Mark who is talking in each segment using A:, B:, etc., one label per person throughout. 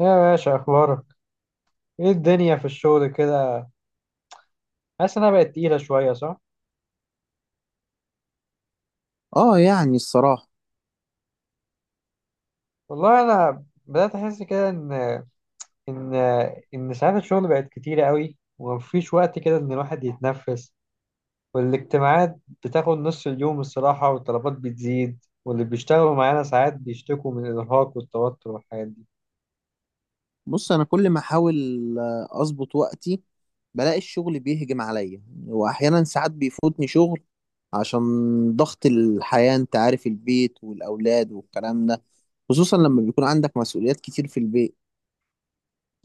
A: يا باشا، اخبارك ايه؟ الدنيا في الشغل كده حاسس انها بقت تقيله شويه، صح؟
B: اه يعني الصراحة،
A: والله انا بدات احس كده ان ان ساعات الشغل بقت كتيره قوي، ومفيش وقت كده ان الواحد يتنفس. والاجتماعات بتاخد نص اليوم الصراحه، والطلبات بتزيد. واللي بيشتغلوا معانا ساعات بيشتكوا من الارهاق والتوتر والحاجات دي.
B: بص انا كل ما احاول اظبط وقتي بلاقي الشغل بيهجم عليا، واحيانا ساعات بيفوتني شغل عشان ضغط الحياة. انت عارف، البيت والاولاد والكلام ده، خصوصا لما بيكون عندك مسؤوليات كتير في البيت.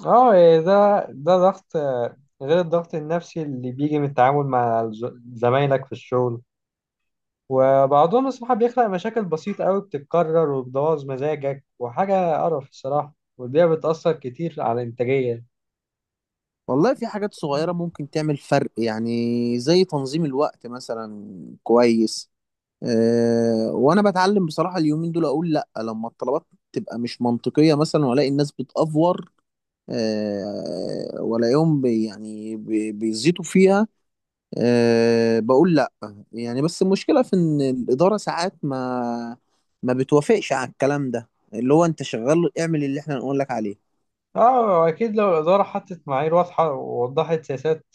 A: اه، إيه ده ضغط، غير الضغط النفسي اللي بيجي من التعامل مع زمايلك في الشغل. وبعضهم الصراحة بيخلق مشاكل بسيطة قوي بتتكرر وبتبوظ مزاجك، وحاجة قرف الصراحة، والبيئة بتأثر كتير على الإنتاجية.
B: والله في حاجات صغيرة ممكن تعمل فرق يعني، زي تنظيم الوقت مثلا. كويس. أه وانا بتعلم بصراحة اليومين دول اقول لا لما الطلبات تبقى مش منطقية مثلا، والاقي الناس بتأفور، ولاقيهم بيزيطوا فيها، بقول لا. يعني بس المشكلة في ان الإدارة ساعات ما بتوافقش على الكلام ده، اللي هو انت شغال اعمل اللي احنا نقول لك عليه.
A: اه أكيد، لو الإدارة حطت معايير واضحة ووضحت سياسات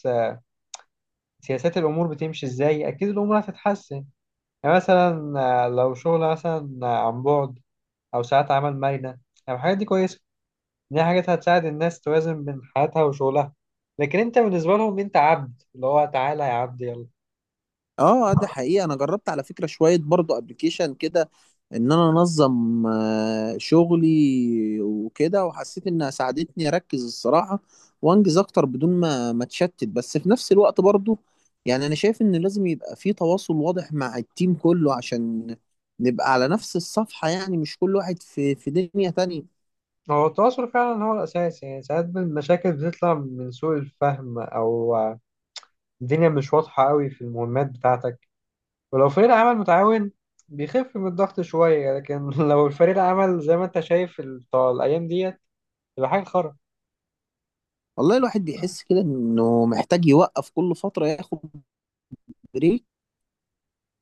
A: سياسات الأمور بتمشي إزاي، أكيد الأمور هتتحسن. يعني مثلا، لو شغل مثلا، عن بعد، أو ساعات عمل مرنة. يعني الحاجات دي كويسة، دي حاجات هتساعد الناس توازن بين حياتها وشغلها، لكن أنت بالنسبة لهم أنت عبد، اللي هو تعالى يا عبد، يلا.
B: اه ده حقيقي، انا جربت على فكرة شوية برضو ابلكيشن كده ان انا انظم شغلي وكده، وحسيت انها ساعدتني اركز الصراحة وانجز اكتر بدون ما اتشتت. بس في نفس الوقت برضو يعني انا شايف ان لازم يبقى في تواصل واضح مع التيم كله عشان نبقى على نفس الصفحة، يعني مش كل واحد في دنيا تانية.
A: هو التواصل فعلا هو الأساس. يعني ساعات المشاكل بتطلع من سوء الفهم، أو الدنيا مش واضحة قوي في المهمات بتاعتك. ولو فريق العمل متعاون بيخف من الضغط شوية، لكن لو الفريق العمل زي ما أنت شايف بتاع الأيام ديت، تبقى حاجة خرا.
B: والله الواحد بيحس كده انه محتاج يوقف كل فترة ياخد بريك،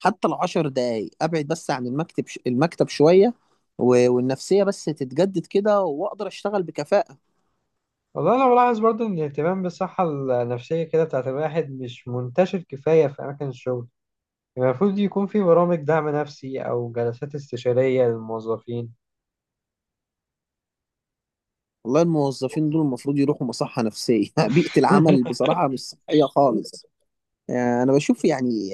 B: حتى العشر دقايق ابعد بس عن المكتب المكتب شويه والنفسيه بس تتجدد كده واقدر اشتغل بكفاءه.
A: والله أنا بلاحظ برضه إن الاهتمام بالصحة النفسية كده بتاعت الواحد مش منتشر كفاية في أماكن الشغل. يعني المفروض يكون في برامج دعم نفسي أو جلسات استشارية للموظفين.
B: والله الموظفين دول المفروض يروحوا مصحه نفسيه. بيئه العمل بصراحه مش صحيه خالص. انا بشوف يعني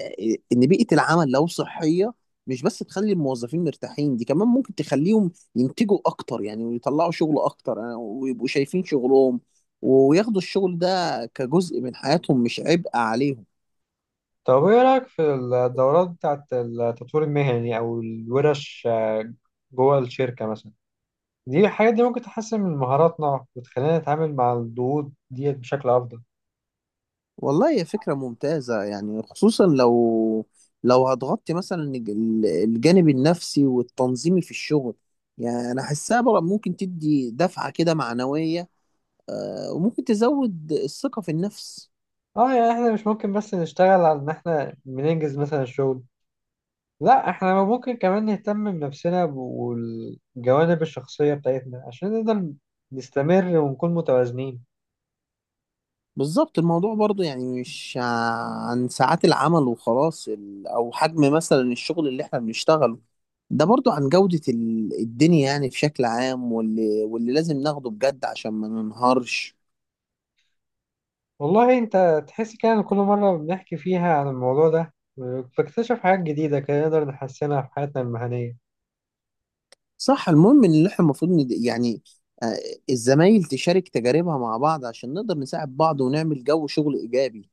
B: ان بيئه العمل لو صحيه، مش بس تخلي الموظفين مرتاحين، دي كمان ممكن تخليهم ينتجوا اكتر يعني، ويطلعوا شغل اكتر، ويبقوا شايفين شغلهم وياخدوا الشغل ده كجزء من حياتهم مش عبء عليهم.
A: طب، ايه رأيك في الدورات بتاعت التطوير المهني او الورش جوه الشركة مثلا؟ دي الحاجات دي ممكن تحسن من مهاراتنا وتخلينا نتعامل مع الضغوط دي بشكل افضل.
B: والله هي فكرة ممتازة يعني، خصوصا لو لو هتغطي مثلا الجانب النفسي والتنظيمي في الشغل. يعني أنا حاسها بقى ممكن تدي دفعة كده معنوية، وممكن تزود الثقة في النفس.
A: اه يعني احنا مش ممكن بس نشتغل على ان احنا بننجز مثلا الشغل، لا احنا ممكن كمان نهتم بنفسنا والجوانب الشخصية بتاعتنا عشان نقدر نستمر ونكون متوازنين.
B: بالظبط، الموضوع برضو يعني مش عن ساعات العمل وخلاص، أو حجم مثلا الشغل اللي احنا بنشتغله. ده برضو عن جودة الدنيا يعني بشكل عام، واللي لازم ناخده بجد عشان ما ننهارش.
A: والله انت تحس كده إن كل مرة بنحكي فيها عن الموضوع ده بكتشف حاجات جديدة كده نقدر نحسنها في حياتنا المهنية.
B: صح، المهم ان احنا المفروض يعني، آه، الزمايل تشارك تجاربها مع بعض عشان نقدر نساعد بعض ونعمل جو شغل ايجابي.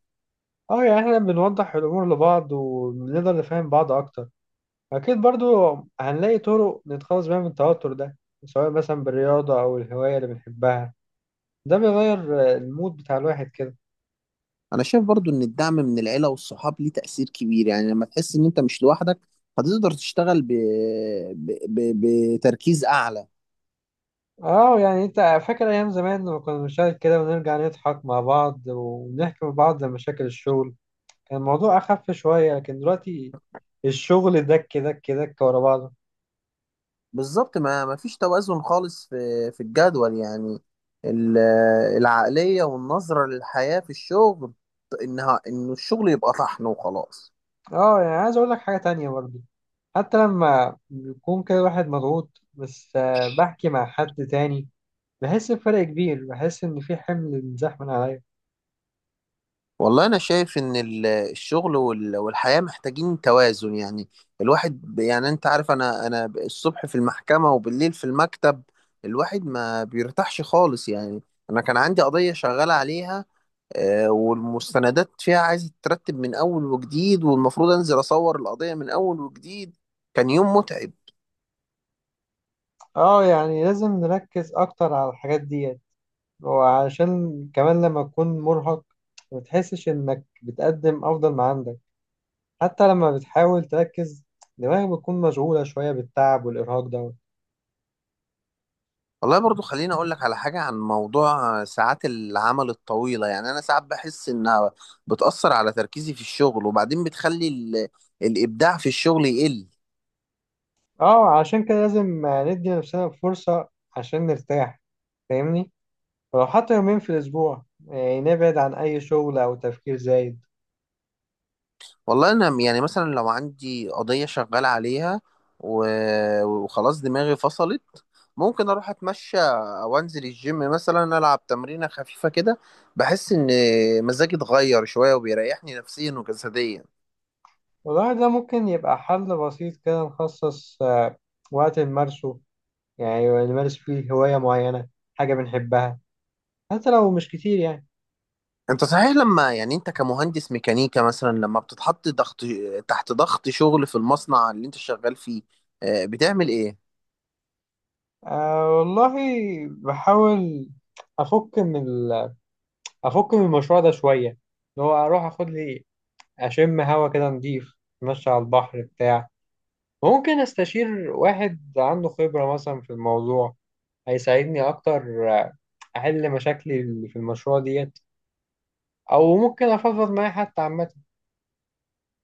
A: اه يعني احنا بنوضح الامور لبعض وبنقدر نفهم بعض اكتر. اكيد برضو هنلاقي طرق نتخلص بيها من التوتر ده، سواء مثلا بالرياضة او الهواية اللي بنحبها، ده بيغير المود بتاع الواحد كده.
B: انا شايف برضو ان الدعم من العيلة والصحاب ليه تأثير كبير، يعني لما تحس ان انت مش لوحدك هتقدر تشتغل ب... ب... بتركيز اعلى.
A: اه، يعني انت فاكر ايام زمان لما كنا بنشارك كده ونرجع نضحك مع بعض ونحكي مع بعض عن مشاكل الشغل؟ كان الموضوع اخف شوية، لكن دلوقتي الشغل دك دك دك ورا بعضه.
B: بالظبط، ما فيش توازن خالص في الجدول، يعني ال- العقلية والنظرة للحياة في الشغل، انه الشغل يبقى طحن وخلاص.
A: اه، يعني عايز اقول لك حاجة تانية برضو. حتى لما بيكون كده واحد مضغوط بس بحكي مع حد تاني، بحس بفرق كبير، بحس إن في حمل انزاح من عليا.
B: والله أنا شايف إن الشغل والحياة محتاجين توازن يعني. الواحد يعني أنت عارف، أنا الصبح في المحكمة وبالليل في المكتب، الواحد ما بيرتاحش خالص يعني. أنا كان عندي قضية شغال عليها، والمستندات فيها عايزة تترتب من أول وجديد، والمفروض أنزل أصور القضية من أول وجديد. كان يوم متعب.
A: اه، يعني لازم نركز أكتر على الحاجات ديت. وعشان كمان لما تكون مرهق ما بتحسش إنك بتقدم أفضل ما عندك، حتى لما بتحاول تركز دماغك بتكون مشغولة شوية بالتعب والإرهاق ده.
B: والله برضو خليني اقول لك على حاجة عن موضوع ساعات العمل الطويلة، يعني انا ساعات بحس انها بتأثر على تركيزي في الشغل، وبعدين بتخلي الابداع في الشغل يقل.
A: اه، عشان كده لازم ندي نفسنا فرصة عشان نرتاح. فاهمني؟ لو حتى يومين في الأسبوع يعني نبعد عن أي شغل أو تفكير زايد.
B: والله انا يعني مثلا لو عندي قضية شغال عليها و... وخلاص دماغي فصلت، ممكن اروح اتمشى او انزل الجيم مثلا العب تمرينة خفيفة كده. بحس ان مزاجي اتغير شوية وبيريحني نفسيا وجسديا.
A: والله ده ممكن يبقى حل بسيط كده، نخصص وقت نمارسه، يعني نمارس فيه هواية معينة، حاجة بنحبها، حتى لو مش كتير يعني.
B: انت صحيح، لما يعني انت كمهندس ميكانيكا مثلا لما بتتحط ضغط تحت ضغط شغل في المصنع اللي انت شغال فيه، بتعمل ايه؟
A: أه والله بحاول، أفك من ال- أفك من المشروع ده شوية، اللي هو أروح أخد لي أشم هوا كده نضيف، أتمشى على البحر بتاع. ممكن أستشير واحد عنده خبرة مثلا في الموضوع، هيساعدني أكتر احل مشاكلي اللي في المشروع ديت، او ممكن افضفض معاه حتى عامه.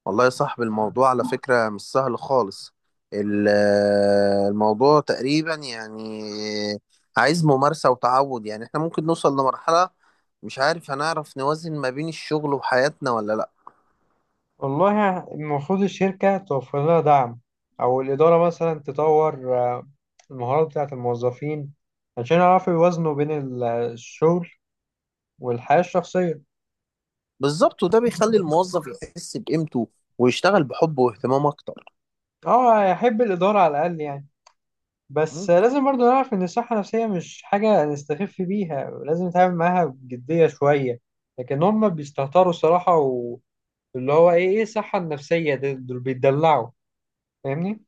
B: والله يا صاحبي الموضوع على فكرة مش سهل خالص. الموضوع تقريبا يعني عايز ممارسة وتعود، يعني احنا ممكن نوصل لمرحلة مش عارف هنعرف نوازن ما بين الشغل وحياتنا ولا لا.
A: والله المفروض الشركه توفر لها دعم، او الاداره مثلا تطور المهارات بتاعه الموظفين، عشان يعرفوا يوازنوا بين الشغل والحياه الشخصيه.
B: بالظبط، وده بيخلي الموظف يحس بقيمته ويشتغل بحب واهتمام اكتر.
A: اه، يحب الاداره على الاقل يعني. بس لازم برضه نعرف ان الصحه النفسيه مش حاجه نستخف بيها، لازم نتعامل معاها بجديه شويه. لكن هم بيستهتروا الصراحه، واللي هو ايه الصحه النفسيه، دول بيتدلعوا. فاهمني؟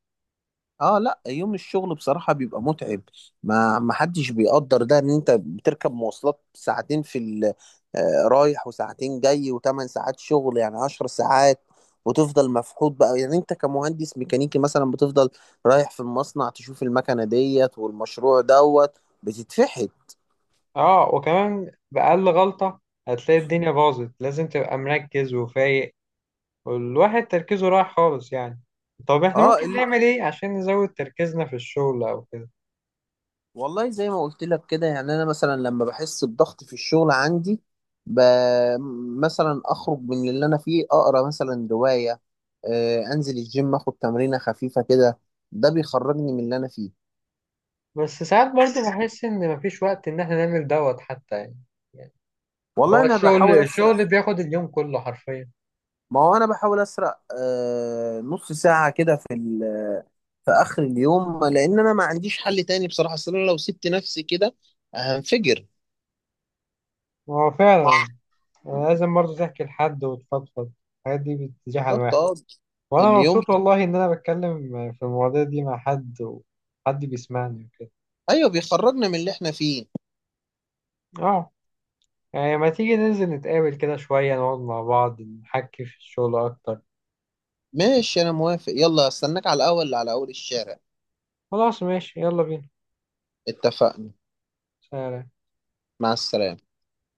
B: اه لا، يوم الشغل بصراحة بيبقى متعب. ما حدش بيقدر ده، ان انت بتركب مواصلات ساعتين في رايح وساعتين جاي وثمان ساعات شغل، يعني عشر ساعات، وتفضل مفحوط بقى. يعني انت كمهندس ميكانيكي مثلا بتفضل رايح في المصنع تشوف المكنة ديت والمشروع دوت، بتتفحت.
A: اه وكمان بأقل غلطة هتلاقي الدنيا باظت، لازم تبقى مركز وفايق، والواحد تركيزه رايح خالص يعني. طب احنا
B: اه
A: ممكن نعمل ايه عشان نزود تركيزنا في الشغل او كده؟
B: والله زي ما قلت لك كده، يعني انا مثلا لما بحس بضغط في الشغل عندي، ب... مثلا اخرج من اللي انا فيه اقرا مثلا روايه، انزل الجيم اخد تمرينه خفيفه كده، ده بيخرجني من اللي انا فيه.
A: بس ساعات برضو بحس ان مفيش وقت ان احنا نعمل دوت حتى يعني
B: والله
A: هو
B: انا
A: الشغل
B: بحاول اسرق.
A: الشغل بياخد اليوم كله حرفيا.
B: ما هو انا بحاول اسرق نص ساعه كده في في اخر اليوم، لان انا ما عنديش حل تاني بصراحه، اصل انا لو سبت نفسي كده هنفجر.
A: هو فعلا، لازم برضو تحكي لحد وتفضفض، الحاجات دي بتزيح
B: بالظبط.
A: الواحد.
B: اه.
A: وانا
B: اليوم.
A: مبسوط والله ان انا بتكلم في المواضيع دي مع حد، وحد بيسمعني وكده.
B: ايوه، بيخرجنا من اللي احنا فيه.
A: اه، يعني ما تيجي ننزل نتقابل كده شوية، نقعد مع بعض نحكي في الشغل أكتر؟
B: ماشي انا موافق، يلا استناك على الاول على اول الشارع.
A: خلاص ماشي، يلا بينا.
B: اتفقنا.
A: سلام.
B: مع السلامة.